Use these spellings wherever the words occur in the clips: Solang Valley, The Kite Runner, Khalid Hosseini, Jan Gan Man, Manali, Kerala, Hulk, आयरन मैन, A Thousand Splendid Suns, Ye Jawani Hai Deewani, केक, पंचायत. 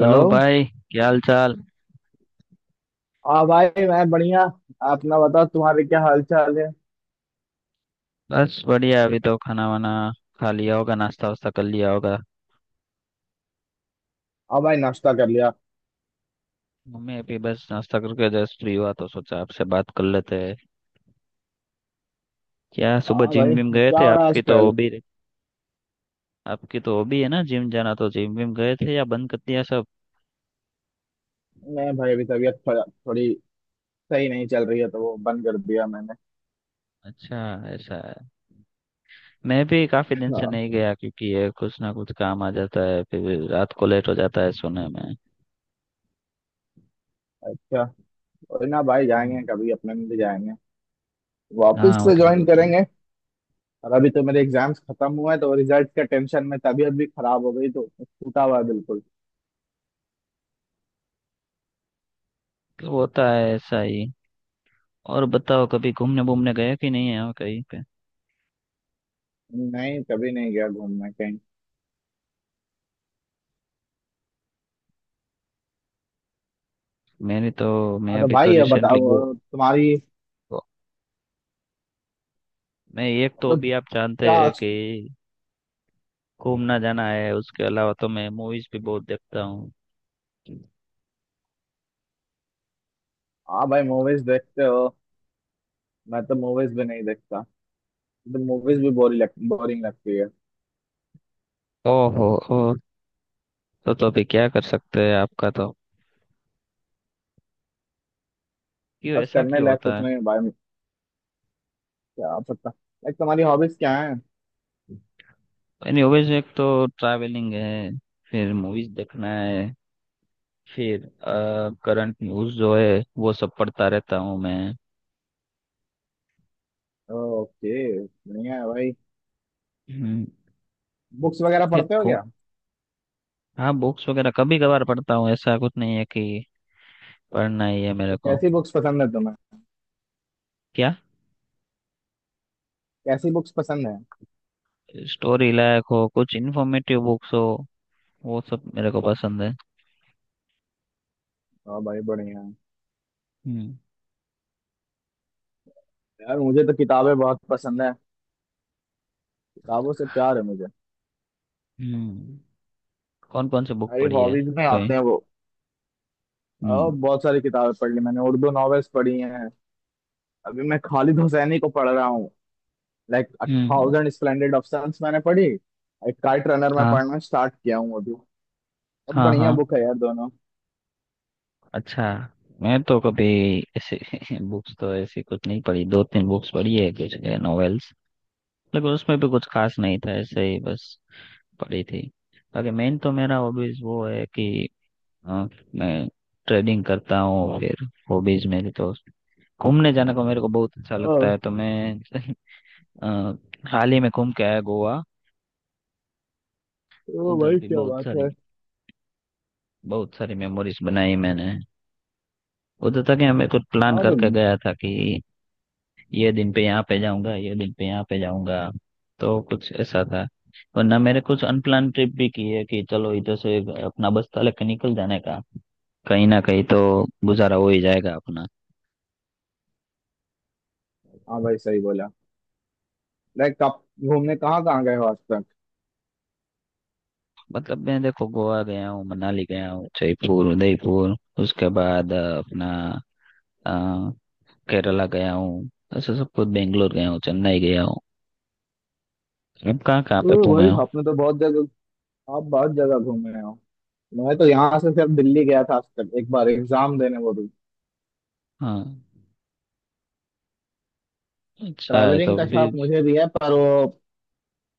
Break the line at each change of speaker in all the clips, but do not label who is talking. Hello भाई। क्या हाल चाल।
हाँ भाई मैं बढ़िया। अपना बताओ, तुम्हारे क्या हाल चाल है।
बस बढ़िया। अभी तो खाना वाना खा लिया होगा, नाश्ता वास्ता कर लिया होगा।
हाँ भाई, नाश्ता कर लिया।
मम्मी अभी बस नाश्ता करके जस्ट फ्री हुआ तो सोचा आपसे बात कर लेते हैं। क्या सुबह
हाँ
जिम
भाई
विम गए
क्या
थे?
हो रहा है आजकल।
आपकी तो हॉबी है ना, जिम जाना, तो जिम विम गए थे या बंद कर दिया सब?
मैं भाई अभी तबीयत थोड़ा थोड़ी सही नहीं चल रही है, तो वो बंद कर दिया मैंने।
अच्छा। ऐसा है। मैं भी काफी दिन से
हाँ।
नहीं गया क्योंकि ये कुछ ना कुछ काम आ जाता है, फिर रात को लेट हो जाता है सोने में।
क्या? कोई ना भाई, जाएंगे
हम्म।
कभी अपने, मिल जाएंगे। वापस
हाँ।
से ज्वाइन करेंगे। और अभी तो मेरे एग्जाम्स खत्म हुए हैं, तो रिजल्ट का टेंशन में तबीयत भी खराब हो गई, तो टूटा हुआ है बिल्कुल।
मतलब होता है ऐसा ही। और बताओ, कभी घूमने घूमने गए कि नहीं है कहीं पे?
नहीं, कभी नहीं गया घूमने कहीं।
मैं
हाँ तो
अभी तो
भाई ये
रिसेंटली गो,
बताओ तुम्हारी।
गो मैं एक तो अभी,
मतलब?
आप जानते
क्या?
हैं कि घूमना जाना है, उसके अलावा तो मैं मूवीज भी बहुत देखता हूँ।
हाँ भाई, मूवीज देखते हो। मैं तो मूवीज भी नहीं देखता। तो मूवीज भी बोरिंग लगती है।
ओहो। ओ, तो अभी क्या कर सकते हैं आपका तो? क्यों
बस
ऐसा
करने
क्यों
लायक
होता
कुछ
है?
नहीं है भाई। क्या आप सकता लाइक, तुम्हारी हॉबीज क्या है।
एनीवेज, एक तो ट्रैवलिंग है, फिर मूवीज देखना है, फिर करंट न्यूज जो है वो सब पढ़ता रहता हूँ मैं।
ओके। बढ़िया है भाई।
हम्म।
बुक्स वगैरह
फिर
पढ़ते हो
को
क्या।
हाँ, बुक्स वगैरह कभी कभार पढ़ता हूँ, ऐसा कुछ नहीं है कि पढ़ना ही है मेरे
तो
को।
कैसी बुक्स पसंद है तुम्हें।
क्या?
कैसी बुक्स पसंद है।
स्टोरी लायक हो, कुछ इन्फॉर्मेटिव बुक्स हो, वो सब मेरे को पसंद है।
हाँ भाई बढ़िया है।
हम्म।
यार मुझे तो किताबें बहुत पसंद है। किताबों से प्यार है मुझे।
हम्म। कौन कौन सी बुक
मेरी
पढ़ी है?
हॉबीज में
कोई।
आते हैं वो। और
हम्म।
बहुत सारी किताबें पढ़ ली मैंने, उर्दू नॉवेल्स पढ़ी हैं। अभी मैं खालिद हुसैनी को पढ़ रहा हूँ। Like
hmm.
Thousand Splendid of मैंने पढ़ी। एक काइट रनर मैं
हाँ।
पढ़ना स्टार्ट किया हूँ अभी। अब
हाँ हाँ।
बढ़िया बुक है यार दोनों।
अच्छा। मैं तो कभी ऐसे बुक्स तो ऐसी कुछ नहीं पढ़ी, 2-3 बुक्स पढ़ी है कुछ नॉवेल्स, लेकिन उसमें भी कुछ खास नहीं था, ऐसे ही बस पढ़ी थी। बाकी मेन तो मेरा हॉबीज वो है कि अ, मैं ट्रेडिंग करता हूँ। फिर हॉबीज मेरी तो, घूमने जाने को मेरे को बहुत अच्छा
ओ।
लगता है, तो मैं अ, हाल ही में घूम के आया गोवा।
ओ
उधर
भाई
भी
क्या
बहुत
बात
सारी,
है।
बहुत सारी मेमोरीज बनाई मैंने। उधर तक मैं कुछ प्लान
हाँ तो।
करके गया था कि ये दिन पे यहाँ पे जाऊंगा, ये दिन पे यहाँ पे जाऊंगा, तो कुछ ऐसा था। वरना मेरे कुछ अनप्लान ट्रिप भी की है कि चलो इधर से अपना बस्ता लेके निकल जाने का, कहीं ना कहीं तो गुजारा हो ही जाएगा अपना।
हाँ भाई सही बोला। लाइक आप घूमने कहाँ कहाँ गए हो आज तक।
मतलब मैं देखो, गोवा गया हूँ, मनाली गया हूँ, जयपुर, उदयपुर, उसके बाद अपना केरला गया हूँ, ऐसे सब कुछ, बेंगलोर गया हूँ, चेन्नई गया हूँ। अब कहाँ कहाँ पे
ओ भाई
घूमे हो?
आपने तो बहुत जगह, आप बहुत जगह घूमे हो। मैं तो यहाँ से सिर्फ दिल्ली गया था आज तक, एक बार एग्जाम देने, वो भी।
हाँ, अच्छा है
ट्रैवलिंग
तो
का शौक
फिर।
मुझे भी है, पर वो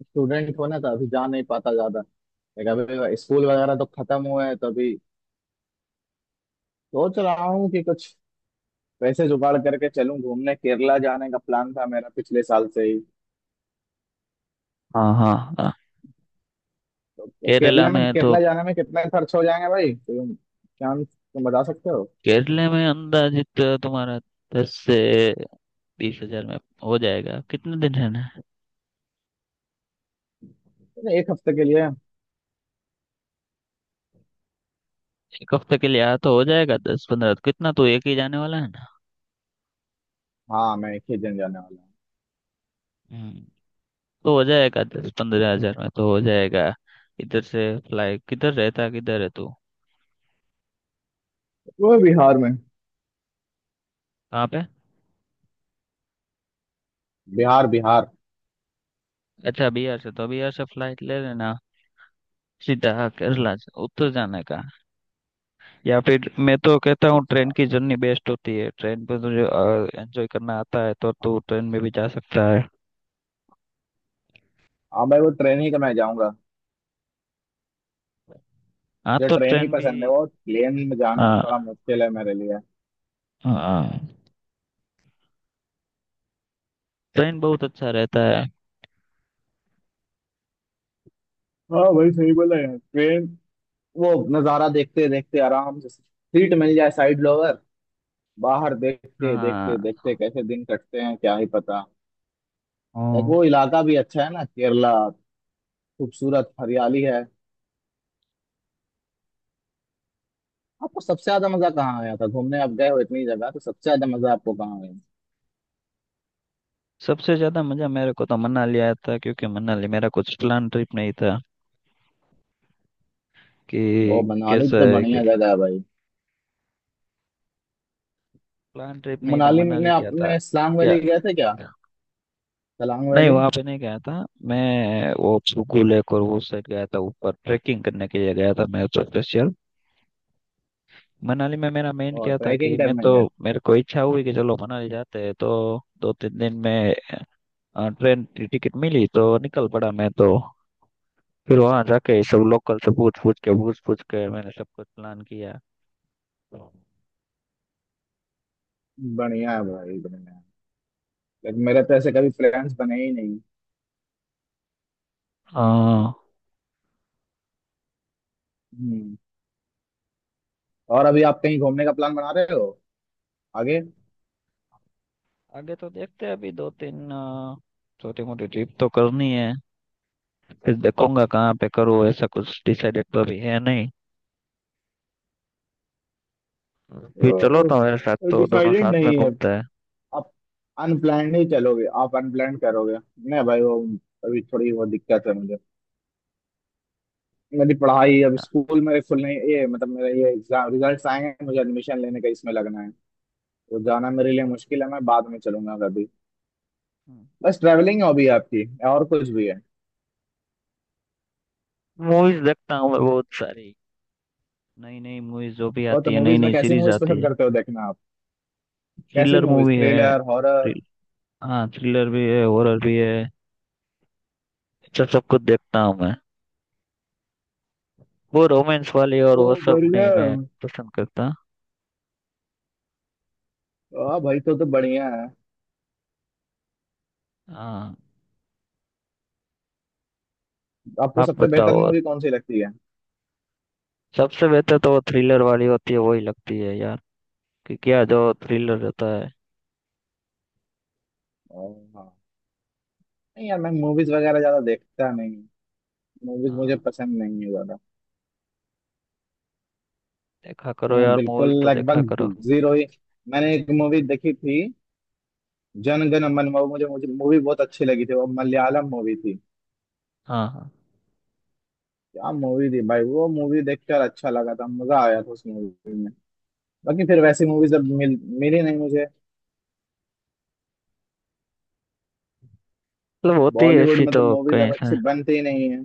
स्टूडेंट होना था, अभी जा नहीं पाता ज्यादा। लाइक अभी स्कूल वगैरह तो खत्म हुए हैं, तो अभी सोच रहा हूँ कि कुछ पैसे जुगाड़ करके चलूँ घूमने। केरला जाने का प्लान था मेरा पिछले साल से ही।
हाँ हाँ हाँ, केरला
केरला
में
में,
है तो।
केरला जाने में कितना खर्च हो जाएंगे भाई, तुम चांस तुम बता सकते हो।
केरला में अंदाजित तुम्हारा 10 से 20 हज़ार में हो जाएगा। कितने दिन रहना है?
अरे एक हफ्ते के लिए।
एक हफ्ते के लिए, आया तो हो जाएगा 10-15, कितना, तो एक ही जाने वाला है ना।
हाँ, मैं एक ही दिन जाने वाला हूँ।
हम्म। तो हो जाएगा, 10-15 हज़ार में तो हो जाएगा। इधर से फ्लाइट किधर रहता है, किधर है तू?
वो बिहार में।
कहाँ पे?
बिहार, बिहार।
अच्छा, बिहार से, तो बिहार से फ्लाइट ले लेना सीधा, केरला से उतर जाने का। या फिर मैं तो कहता हूँ, ट्रेन
अच्छा।
की जर्नी बेस्ट होती है। ट्रेन पे तुझे एंजॉय करना आता है तो तू ट्रेन में भी जा सकता है।
हाँ भाई, वो ट्रेन ही तो मैं जाऊंगा।
हाँ,
मुझे
तो
ट्रेन ही
ट्रेन भी।
पसंद है, वो प्लेन में जाना थोड़ा
हाँ
मुश्किल है मेरे लिए।
हाँ, ट्रेन बहुत अच्छा रहता है।
हाँ भाई सही बोला यार, ट्रेन। वो नजारा देखते देखते, आराम से सीट मिल जाए साइड लोअर, बाहर देखते देखते
हाँ
देखते कैसे दिन कटते हैं क्या ही पता। लाइक वो
हाँ।
इलाका भी अच्छा है ना केरला, खूबसूरत हरियाली है। आपको सबसे ज्यादा मजा कहाँ आया था घूमने, आप गए हो इतनी जगह, तो सबसे ज्यादा मजा आपको कहाँ आया।
सबसे ज्यादा मजा मेरे को तो मनाली आया था, क्योंकि मनाली मेरा कुछ प्लान ट्रिप नहीं था
ओ
कि,
मनाली
कैसा
तो
है कि,
बढ़िया जगह है भाई।
प्लान ट्रिप नहीं था
मनाली में
मनाली,
आप
क्या था।
में सलांग
क्या?
वैली गए थे क्या। सलांग
नहीं,
वैली।
वहां पे नहीं गया था मैं। वो सुकू लेक और वो साइड गया था ऊपर, ट्रैकिंग करने के लिए गया था मैं तो स्पेशल। मनाली में मेरा मेन
और
क्या था कि
ट्रैकिंग
मैं
करने
तो,
गए थे?
मेरे को इच्छा हुई कि चलो मनाली जाते हैं, तो 2-3 दिन में ट्रेन की टिकट मिली तो निकल पड़ा मैं तो। फिर वहां जाके सब लोकल से पूछ पूछ के मैंने सब कुछ प्लान किया।
बढ़िया है भाई, बढ़िया है। लेकिन मेरे तो ऐसे कभी फ्रेंड्स बने ही नहीं।
हाँ।
हम्म। और अभी आप कहीं घूमने का प्लान बना रहे हो आगे।
आगे तो देखते हैं, अभी 2-3 छोटी मोटी ट्रिप तो करनी है। फिर देखूंगा कहाँ पे करूँ, ऐसा कुछ डिसाइडेड तो अभी है नहीं। भी चलो तो मेरे साथ, तो दोनों
डिसाइडेड
साथ
नहीं
में
है।
घूमते हैं।
आप अनप्लान्ड ही चलोगे, आप अनप्लान्ड करोगे। नहीं भाई वो अभी थोड़ी वो दिक्कत है मुझे। मेरी पढ़ाई अब स्कूल में खुलने, ये मतलब मेरे ये एग्जाम रिजल्ट्स आए हैं, मुझे एडमिशन लेने का इसमें लगना है। तो जाना मेरे लिए मुश्किल है, मैं बाद में चलूंगा कभी।
हम्म।
बस ट्रैवलिंग हॉबी है आपकी, और कुछ भी है।
मूवीज देखता हूँ मैं बहुत सारी, नई नई मूवीज जो भी
और तो
आती है, नई
मूवीज में
नई
कैसी
सीरीज
मूवीज
आती
पसंद
है।
करते हो देखना आप। कैसी
थ्रिलर
मूवीज,
मूवी है।
Thriller, horror?
थ्रिल हाँ, थ्रिलर भी है, हॉरर भी है। अच्छा, सब कुछ देखता हूँ मैं। वो रोमांस वाली और
ओ
वो सब
बढ़िया।
नहीं मैं पसंद करता।
हाँ भाई, तो बढ़िया है।
हाँ,
आपको
आप
सबसे
बताओ।
बेहतर
और
मूवी कौन सी लगती है।
सबसे बेहतर तो वो थ्रिलर वाली होती है, वही लगती है यार, कि क्या जो थ्रिलर रहता है।
ओ, हाँ। नहीं यार, मैं मूवीज वगैरह ज्यादा देखता नहीं। मूवीज मुझे
हाँ,
पसंद नहीं है ज्यादा।
देखा करो
तो मैं
यार,
बिल्कुल
मूवीज तो देखा
लगभग
करो।
जीरो ही। मैंने एक मूवी देखी थी, जन गण मन। वो मुझे मुझे मूवी बहुत अच्छी लगी थी, वो मलयालम मूवी थी।
हाँ हाँ,
क्या मूवी थी भाई, वो मूवी देखकर अच्छा लगा था, मजा आया था उस मूवी में। बाकी फिर वैसी मूवीज अब मिली नहीं मुझे।
मतलब होती है
बॉलीवुड
ऐसी
में तो
तो
मूवीज
कहीं
अब
से।
अच्छी बनती ही नहीं है।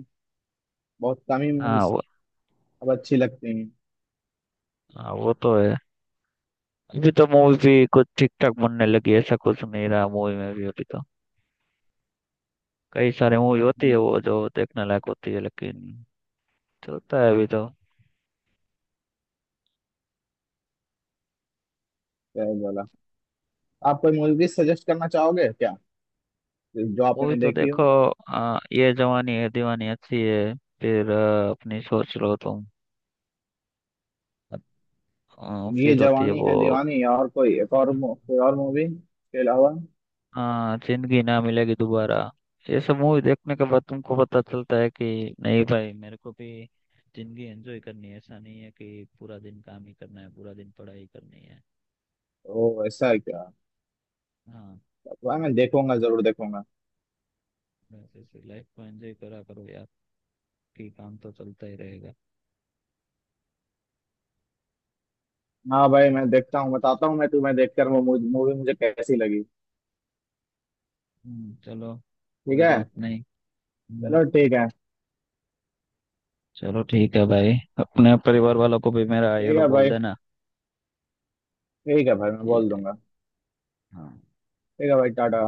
बहुत कम ही मूवीज
हाँ
अब अच्छी लगती हैं।
हाँ, वो तो है। अभी तो मूवी भी कुछ ठीक ठाक बनने लगी, ऐसा कुछ नहीं रहा मूवी में भी। अभी तो कई सारे मूवी होती है
हम्म।
वो जो देखने लायक होती है, लेकिन चलता है अभी तो।
क्या ही बोला। आप कोई मूवी सजेस्ट करना चाहोगे क्या, जो
मूवी
आपने
तो
देखी हो।
देखो। ये जवानी है दीवानी अच्छी है। फिर अपनी सोच लो तुम।
ये
फिर होती है
जवानी
वो।
है दीवानी, या और कोई, कोई और मूवी के अलावा।
जिंदगी ना मिलेगी दोबारा। ये सब मूवी देखने के बाद तुमको पता चलता है कि नहीं भाई, मेरे को भी जिंदगी एंजॉय करनी है, ऐसा नहीं है कि पूरा दिन काम ही करना है, पूरा दिन पढ़ाई करनी है।
ओ ऐसा है क्या।
हाँ।
वाह, मैं देखूंगा, जरूर देखूंगा।
बस ऐसे लाइफ को एंजॉय करा करो यार, कि काम तो चलता ही रहेगा।
हाँ भाई, मैं देखता हूँ, बताता हूँ मैं तुम्हें देखकर वो मूवी मुझे कैसी लगी।
चलो,
ठीक
कोई
है।
बात नहीं। हम्म,
चलो ठीक है।
चलो ठीक है भाई। अपने परिवार वालों को भी मेरा ये
ठीक
लो
है
बोल
भाई,
देना।
ठीक है भाई, मैं
ठीक
बोल
है।
दूंगा।
हाँ,
ठीक है भाई, टाटा।
चलो।